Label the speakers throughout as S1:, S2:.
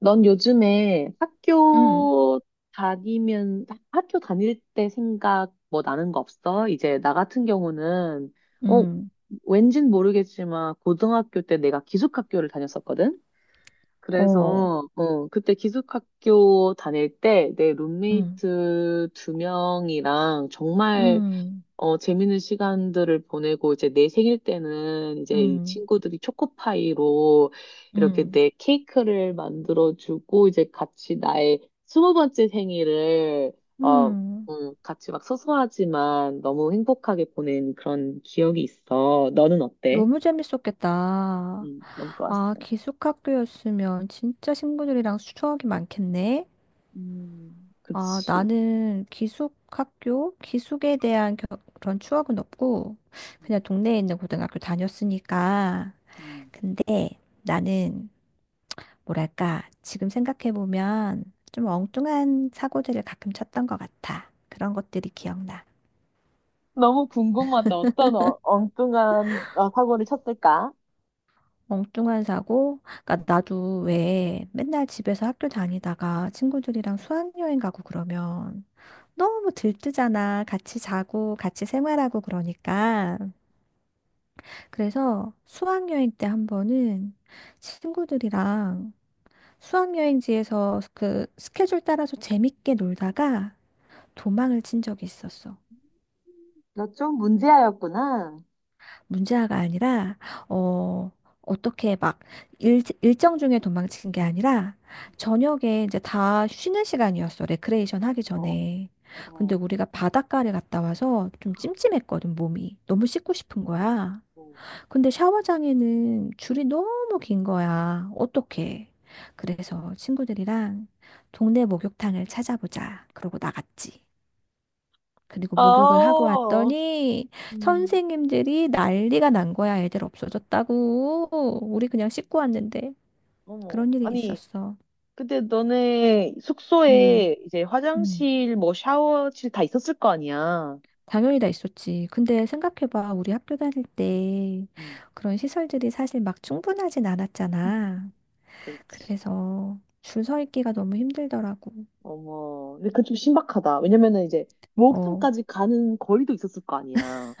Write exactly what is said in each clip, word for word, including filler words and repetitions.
S1: 넌 요즘에
S2: 음,
S1: 학교 다니면, 학교 다닐 때 생각 뭐 나는 거 없어? 이제 나 같은 경우는 어,
S2: 음,
S1: 왠진 모르겠지만, 고등학교 때 내가 기숙학교를 다녔었거든?
S2: 어,
S1: 그래서 어, 그때 기숙학교 다닐 때 내
S2: 음,
S1: 룸메이트 두 명이랑 정말
S2: 음,
S1: 어, 재밌는 시간들을 보내고, 이제 내 생일 때는 이제 이
S2: 음,
S1: 친구들이 초코파이로 이렇게
S2: 음,
S1: 내 케이크를 만들어주고, 이제 같이 나의 스무 번째 생일을 어,
S2: 음.
S1: 음, 같이 막 소소하지만 너무 행복하게 보낸 그런 기억이 있어. 너는 어때?
S2: 너무 재밌었겠다.
S1: 음, 너무 좋았어.
S2: 아, 기숙학교였으면 진짜 친구들이랑 추억이 많겠네.
S1: 음,
S2: 아,
S1: 그치.
S2: 나는 기숙학교, 기숙에 대한 겨- 그런 추억은 없고,
S1: 음.
S2: 그냥 동네에 있는 고등학교 다녔으니까.
S1: 음.
S2: 근데 나는, 뭐랄까, 지금 생각해보면 좀 엉뚱한 사고들을 가끔 쳤던 것 같아. 그런 것들이 기억나.
S1: 너무 궁금하다. 어떤 어- 엉뚱한 어, 사고를 쳤을까?
S2: 엉뚱한 사고? 그러니까 나도 왜 맨날 집에서 학교 다니다가 친구들이랑 수학여행 가고 그러면 너무 들뜨잖아. 같이 자고 같이 생활하고 그러니까. 그래서 수학여행 때 한 번은 친구들이랑 수학여행지에서 그 스케줄 따라서 재밌게 놀다가 도망을 친 적이 있었어.
S1: 너 좀 문제아였구나.
S2: 문제아가 아니라 어 어떻게 막 일, 일정 중에 도망친 게 아니라 저녁에 이제 다 쉬는 시간이었어. 레크레이션 하기
S1: 어.
S2: 전에. 근데
S1: 어.
S2: 우리가 바닷가를 갔다 와서 좀 찜찜했거든, 몸이. 너무 씻고 싶은 거야.
S1: 어.
S2: 근데 샤워장에는 줄이 너무 긴 거야. 어떡해. 그래서 친구들이랑 동네 목욕탕을 찾아보자. 그러고 나갔지. 그리고 목욕을 하고
S1: 아.
S2: 왔더니
S1: 음.
S2: 선생님들이 난리가 난 거야. 애들 없어졌다고. 우리 그냥 씻고 왔는데
S1: 어머.
S2: 그런 일이
S1: 아니,
S2: 있었어.
S1: 근데 너네
S2: 음,
S1: 숙소에 이제
S2: 음.
S1: 화장실, 뭐 샤워실 다 있었을 거 아니야.
S2: 당연히 다 있었지. 근데 생각해봐. 우리 학교 다닐 때
S1: 음,
S2: 그런 시설들이 사실 막 충분하진 않았잖아.
S1: 그렇지.
S2: 그래서 줄 서 있기가 너무 힘들더라고.
S1: 어머. 근데 그건 좀 신박하다. 왜냐면은 이제
S2: 어.
S1: 목욕탕까지 가는 거리도 있었을 거 아니야.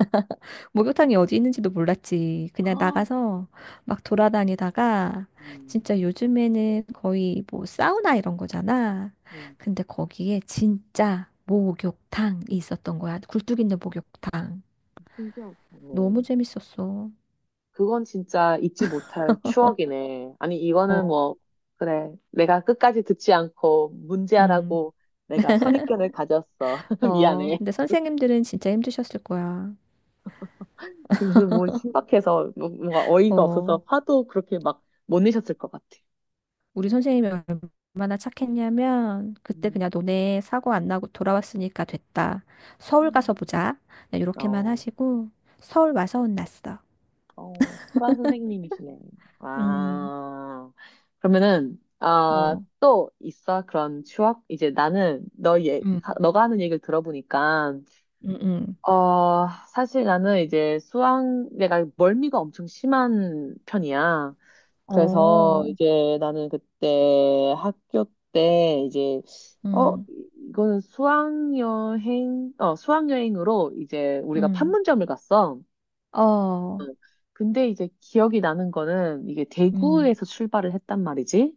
S2: 목욕탕이 어디 있는지도 몰랐지. 그냥
S1: 아.
S2: 나가서 막 돌아다니다가
S1: 음.
S2: 진짜 요즘에는 거의 뭐 사우나 이런 거잖아.
S1: 음.
S2: 근데 거기에 진짜 목욕탕이 있었던 거야. 굴뚝 있는 목욕탕.
S1: 신기하다.
S2: 너무 재밌었어.
S1: 그건 진짜 잊지 못할 추억이네. 아니, 이거는
S2: 어,
S1: 뭐, 그래. 내가 끝까지 듣지 않고
S2: 음,
S1: 문제하라고 내가 선입견을 가졌어.
S2: 어,
S1: 미안해.
S2: 근데 선생님들은 진짜 힘드셨을 거야.
S1: 지금은 뭐 신박해서 뭐- 뭔가 어이가
S2: 어.
S1: 없어서 화도 그렇게 막 못 내셨을 것 같아.
S2: 우리 선생님이 얼마나 착했냐면 그때
S1: 음.
S2: 그냥 너네 사고 안 나고 돌아왔으니까 됐다. 서울 가서
S1: 음.
S2: 보자. 그냥 이렇게만
S1: 어.
S2: 하시고 서울 와서 혼났어.
S1: 어, 프란 선생님이시네.
S2: 음,
S1: 아, 그러면은, 아,
S2: 어,
S1: 또 있어? 그런 추억? 이제 나는 너 얘,
S2: 음,
S1: 너가 하는 얘기를 들어보니까
S2: 응, 응,
S1: 어, 사실 나는 이제 수학, 내가 멀미가 엄청 심한 편이야. 그래서
S2: 어,
S1: 이제 나는 그때 학교 때 이제, 어,
S2: 응,
S1: 이거는 수학여행, 어, 수학여행으로 이제 우리가
S2: 응.
S1: 판문점을 갔어.
S2: 어,
S1: 응. 근데 이제 기억이 나는 거는 이게
S2: 음,
S1: 대구에서 출발을 했단 말이지.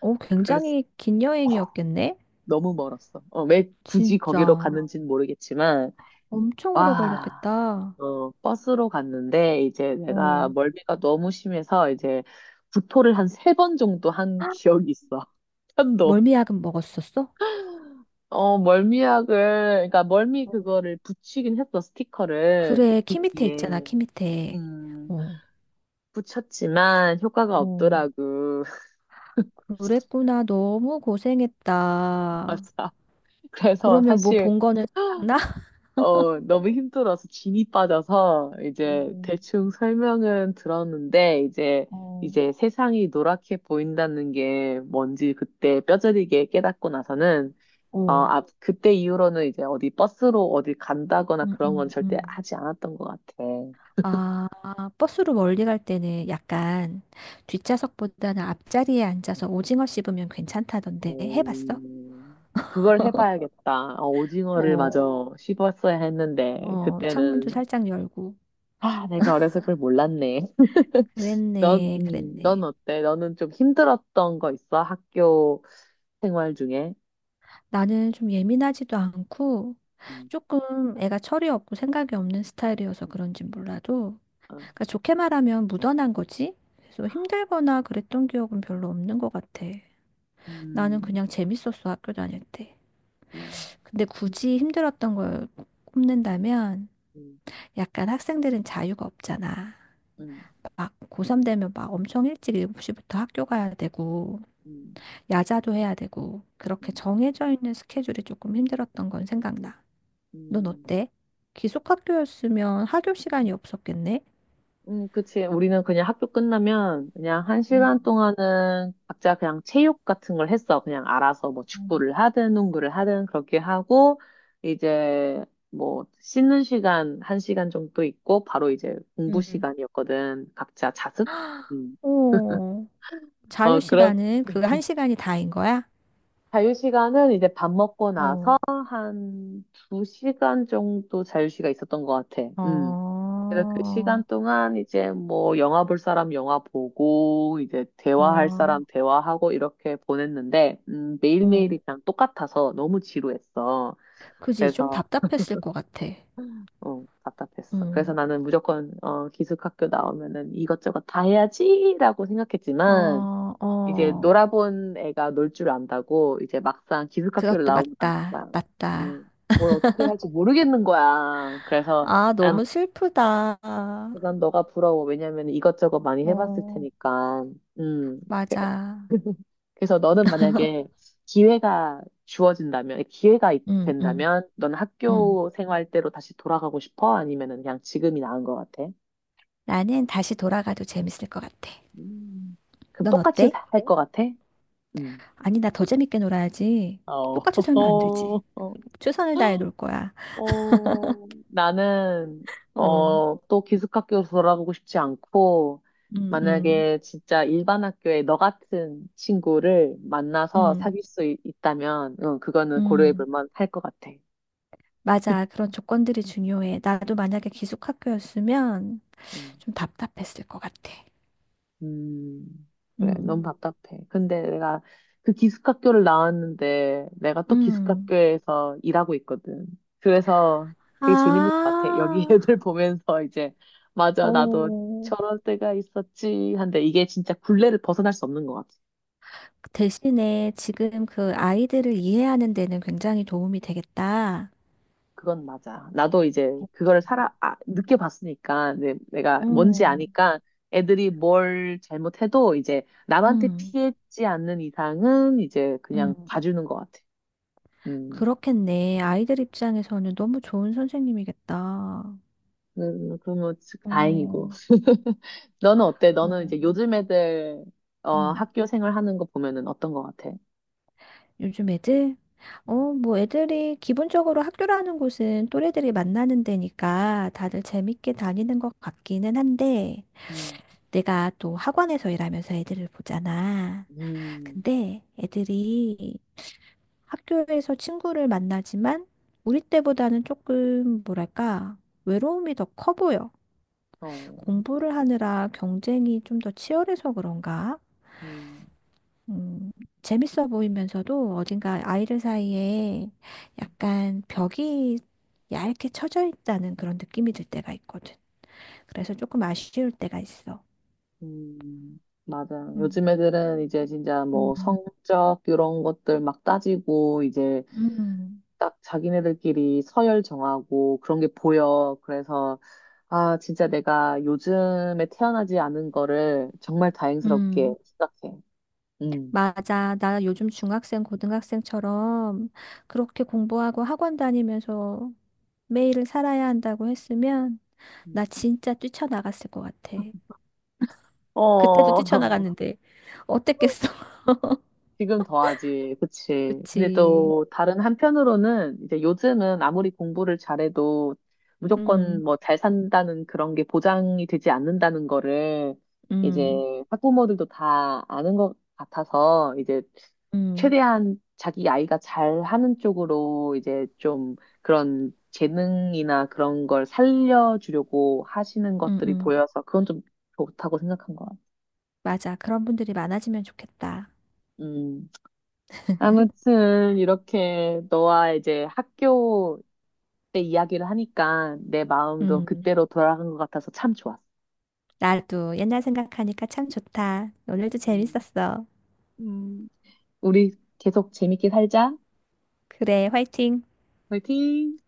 S2: 어,
S1: 그래서
S2: 굉장히 긴 여행이었겠네?
S1: 너무 멀었어. 어, 왜 굳이 거기로
S2: 진짜
S1: 갔는지는 모르겠지만,
S2: 엄청 오래
S1: 와.
S2: 걸렸겠다.
S1: 어, 버스로 갔는데 이제 내가
S2: 어,
S1: 멀미가 너무 심해서 이제 구토를 한 세 번 정도 한 기억이 있어. 편도.
S2: 멀미약은 먹었었어?
S1: 어, 멀미약을, 그러니까 멀미
S2: 어,
S1: 그거를 붙이긴 했어, 스티커를.
S2: 그래,
S1: 귀
S2: 키 밑에 있잖아,
S1: 뒤에.
S2: 키 밑에.
S1: 음,
S2: 어,
S1: 붙였지만 효과가
S2: 어.
S1: 없더라고.
S2: 그랬구나. 너무 고생했다.
S1: 맞아. 그래서
S2: 그러면 뭐
S1: 사실
S2: 본 거는 생각나?
S1: 어, 너무 힘들어서 진이 빠져서 이제
S2: 음,
S1: 대충 설명은 들었는데 이제
S2: 어,
S1: 이제 세상이 노랗게 보인다는 게 뭔지 그때 뼈저리게 깨닫고 나서는 어,
S2: 어,
S1: 아, 그때 이후로는 이제 어디 버스로 어디 간다거나
S2: 음,
S1: 그런 건
S2: 음,
S1: 절대
S2: 음.
S1: 하지 않았던 것 같아.
S2: 아, 버스로 멀리 갈 때는 약간 뒷좌석보다는 앞자리에 앉아서 오징어 씹으면 괜찮다던데 해봤어?
S1: 음, 그걸 해봐야겠다. 어, 오징어를
S2: 어,
S1: 마저 씹었어야 했는데
S2: 어,
S1: 그때는
S2: 창문도 살짝 열고.
S1: 아, 내가 어려서 그걸 몰랐네. 넌,
S2: 그랬네,
S1: 음, 넌
S2: 그랬네.
S1: 어때? 너는 좀 힘들었던 거 있어? 학교 생활 중에?
S2: 나는 좀 예민하지도 않고
S1: 음.
S2: 조금 애가 철이 없고 생각이 없는 스타일이어서 그런진 몰라도
S1: 어.
S2: 그러니까 좋게 말하면 묻어난 거지. 그래서 힘들거나 그랬던 기억은 별로 없는 것 같아. 나는
S1: 음.
S2: 그냥 재밌었어, 학교 다닐 때.
S1: 음.
S2: 근데 굳이 힘들었던 걸 꼽는다면
S1: 음.
S2: 약간 학생들은 자유가 없잖아.
S1: 음.
S2: 막 고삼 되면 막 엄청 일찍 일곱 시부터 학교 가야 되고,
S1: 음.
S2: 야자도 해야 되고, 그렇게
S1: 음.
S2: 정해져 있는 스케줄이 조금 힘들었던 건 생각나. 넌
S1: 음.
S2: 어때? 기숙학교였으면 하교 시간이 없었겠네?
S1: 음, 그치. 우리는 그냥 학교 끝나면 그냥 한
S2: 음.
S1: 시간 동안은 각자 그냥 체육 같은 걸 했어. 그냥 알아서 뭐
S2: 음.
S1: 축구를 하든 농구를 하든 그렇게 하고 이제 뭐 씻는 시간 한 시간 정도 있고 바로 이제 공부
S2: 음.
S1: 시간이었거든. 각자 자습? 음.
S2: 어, 자유
S1: 어, 그렇
S2: 시간은 그 한 시간이 다인 거야?
S1: 자유시간은 이제 밥 먹고 나서
S2: 어,
S1: 한 두 시간 정도 자유시간 있었던 것 같아. 음. 그래서 그 시간
S2: 아,
S1: 동안 이제 뭐 영화 볼 사람 영화 보고 이제 대화할
S2: 아,
S1: 사람 대화하고 이렇게 보냈는데 음, 매일매일이
S2: 응,
S1: 그냥 똑같아서 너무 지루했어.
S2: 그지? 좀
S1: 그래서
S2: 답답했을 것 같아.
S1: 어, 답답했어. 그래서
S2: 음.
S1: 나는 무조건 어, 기숙학교 나오면은 이것저것 다 해야지라고 생각했지만
S2: 어,
S1: 이제
S2: 어,
S1: 놀아본 애가 놀 줄 안다고 이제 막상 기숙학교를
S2: 그것도
S1: 나오고
S2: 맞다.
S1: 나니까 음,
S2: 맞다.
S1: 뭘 어떻게 할지 모르겠는 거야. 그래서
S2: 아,
S1: 난,
S2: 너무 슬프다.
S1: 난 너가 부러워. 왜냐면 이것저것 많이 해봤을
S2: 어,
S1: 테니까. 음. 그-
S2: 맞아.
S1: 그래서 너는 만약에 기회가 주어진다면, 기회가 있-
S2: 응, 응,
S1: 된다면, 넌
S2: 응.
S1: 학교 생활대로 다시 돌아가고 싶어? 아니면은 그냥 지금이 나은 것 같아?
S2: 나는 다시 돌아가도 재밌을 것 같아.
S1: 음. 그럼
S2: 넌
S1: 똑같이
S2: 어때?
S1: 살 네? 것 같아? 음.
S2: 아니, 나 더 재밌게 놀아야지.
S1: 어.
S2: 똑같이 살면 안 되지. 최선을 다해 놀 거야.
S1: 어, 나는,
S2: 어,
S1: 어, 또 기숙학교로 돌아가고 싶지 않고,
S2: 응, 응,
S1: 만약에 진짜 일반 학교에 너 같은 친구를 만나서
S2: 응.
S1: 사귈 수 있, 다면 응, 그거는 고려해 볼
S2: 음,
S1: 만할 것 같아.
S2: 맞아. 그런 조건들이 중요해. 나도 만약에 기숙학교였으면
S1: 음.
S2: 좀 답답했을 것 같아.
S1: 음, 그래, 너무
S2: 음,
S1: 답답해. 근데 내가 그 기숙학교를 나왔는데 내가 또
S2: 음.
S1: 기숙학교에서 일하고 있거든. 그래서
S2: 아,
S1: 되게 재밌는 것 같아. 여기 애들 보면서 이제, 맞아, 나도
S2: 오.
S1: 저럴 때가 있었지. 한데 이게 진짜 굴레를 벗어날 수 없는 것 같아.
S2: 대신에 지금 그 아이들을 이해하는 데는 굉장히 도움이 되겠다.
S1: 그건 맞아. 나도 이제 그거를 살아, 아, 느껴봤으니까, 내, 내가 뭔지
S2: 어,
S1: 아니까 애들이 뭘 잘못해도 이제 남한테
S2: 음,
S1: 피해지 않는 이상은 이제 그냥
S2: 음.
S1: 봐주는 것 같아. 음.
S2: 그렇겠네. 아이들 입장에서는 너무 좋은 선생님이겠다.
S1: 음, 그러면
S2: 어,
S1: 다행이고. 너는 어때?
S2: 어,
S1: 너는 이제 요즘 애들 어,
S2: 음.
S1: 학교 생활 하는 거 보면은 어떤 거 같아?
S2: 요즘 애들? 어, 뭐 애들이 기본적으로 학교라는 곳은 또래들이 만나는 데니까 다들 재밌게 다니는 것 같기는 한데
S1: 음.
S2: 내가 또 학원에서 일하면서 애들을 보잖아.
S1: 음.
S2: 근데 애들이 학교에서 친구를 만나지만 우리 때보다는 조금 뭐랄까 외로움이 더 커 보여.
S1: 어.
S2: 공부를 하느라 경쟁이 좀 더 치열해서 그런가?
S1: 음.
S2: 음, 재밌어 보이면서도 어딘가 아이들 사이에 약간 벽이 얇게 쳐져 있다는 그런 느낌이 들 때가 있거든. 그래서 조금 아쉬울 때가 있어.
S1: 음. 맞아. 요즘
S2: 음,
S1: 애들은 이제 진짜
S2: 음,
S1: 뭐 성적 이런 것들 막 따지고 이제
S2: 음,
S1: 딱 자기네들끼리 서열 정하고 그런 게 보여. 그래서 아, 진짜 내가 요즘에 태어나지 않은 거를 정말
S2: 음,
S1: 다행스럽게 생각해.
S2: 맞아. 나 요즘 중학생, 고등학생처럼 그렇게 공부하고 학원 다니면서 매일을 살아야 한다고 했으면
S1: 음.
S2: 나 진짜 뛰쳐나갔을 것 같아. 그때도
S1: 어.
S2: 뛰쳐나갔는데 어땠겠어?
S1: 지금 더하지. 그치. 근데
S2: 그치.
S1: 또 다른 한편으로는 이제 요즘은 아무리 공부를 잘해도 무조건
S2: 음,
S1: 뭐 잘 산다는 그런 게 보장이 되지 않는다는 거를 이제
S2: 음.
S1: 학부모들도 다 아는 것 같아서 이제
S2: 음,
S1: 최대한 자기 아이가 잘하는 쪽으로 이제 좀 그런 재능이나 그런 걸 살려주려고 하시는
S2: 음,
S1: 것들이
S2: 음.
S1: 보여서 그건 좀 좋다고 생각한 것
S2: 맞아. 그런 분들이 많아지면 좋겠다.
S1: 같아요. 아무튼 이렇게 너와 이제 학교 때 이야기를 하니까 내 마음도
S2: 음,
S1: 그때로 돌아간 것 같아서 참 좋았어.
S2: 나도 옛날 생각하니까 참 좋다. 오늘도
S1: 음.
S2: 재밌었어.
S1: 음. 우리 계속 재밌게 살자.
S2: 그래, 화이팅!
S1: 화이팅!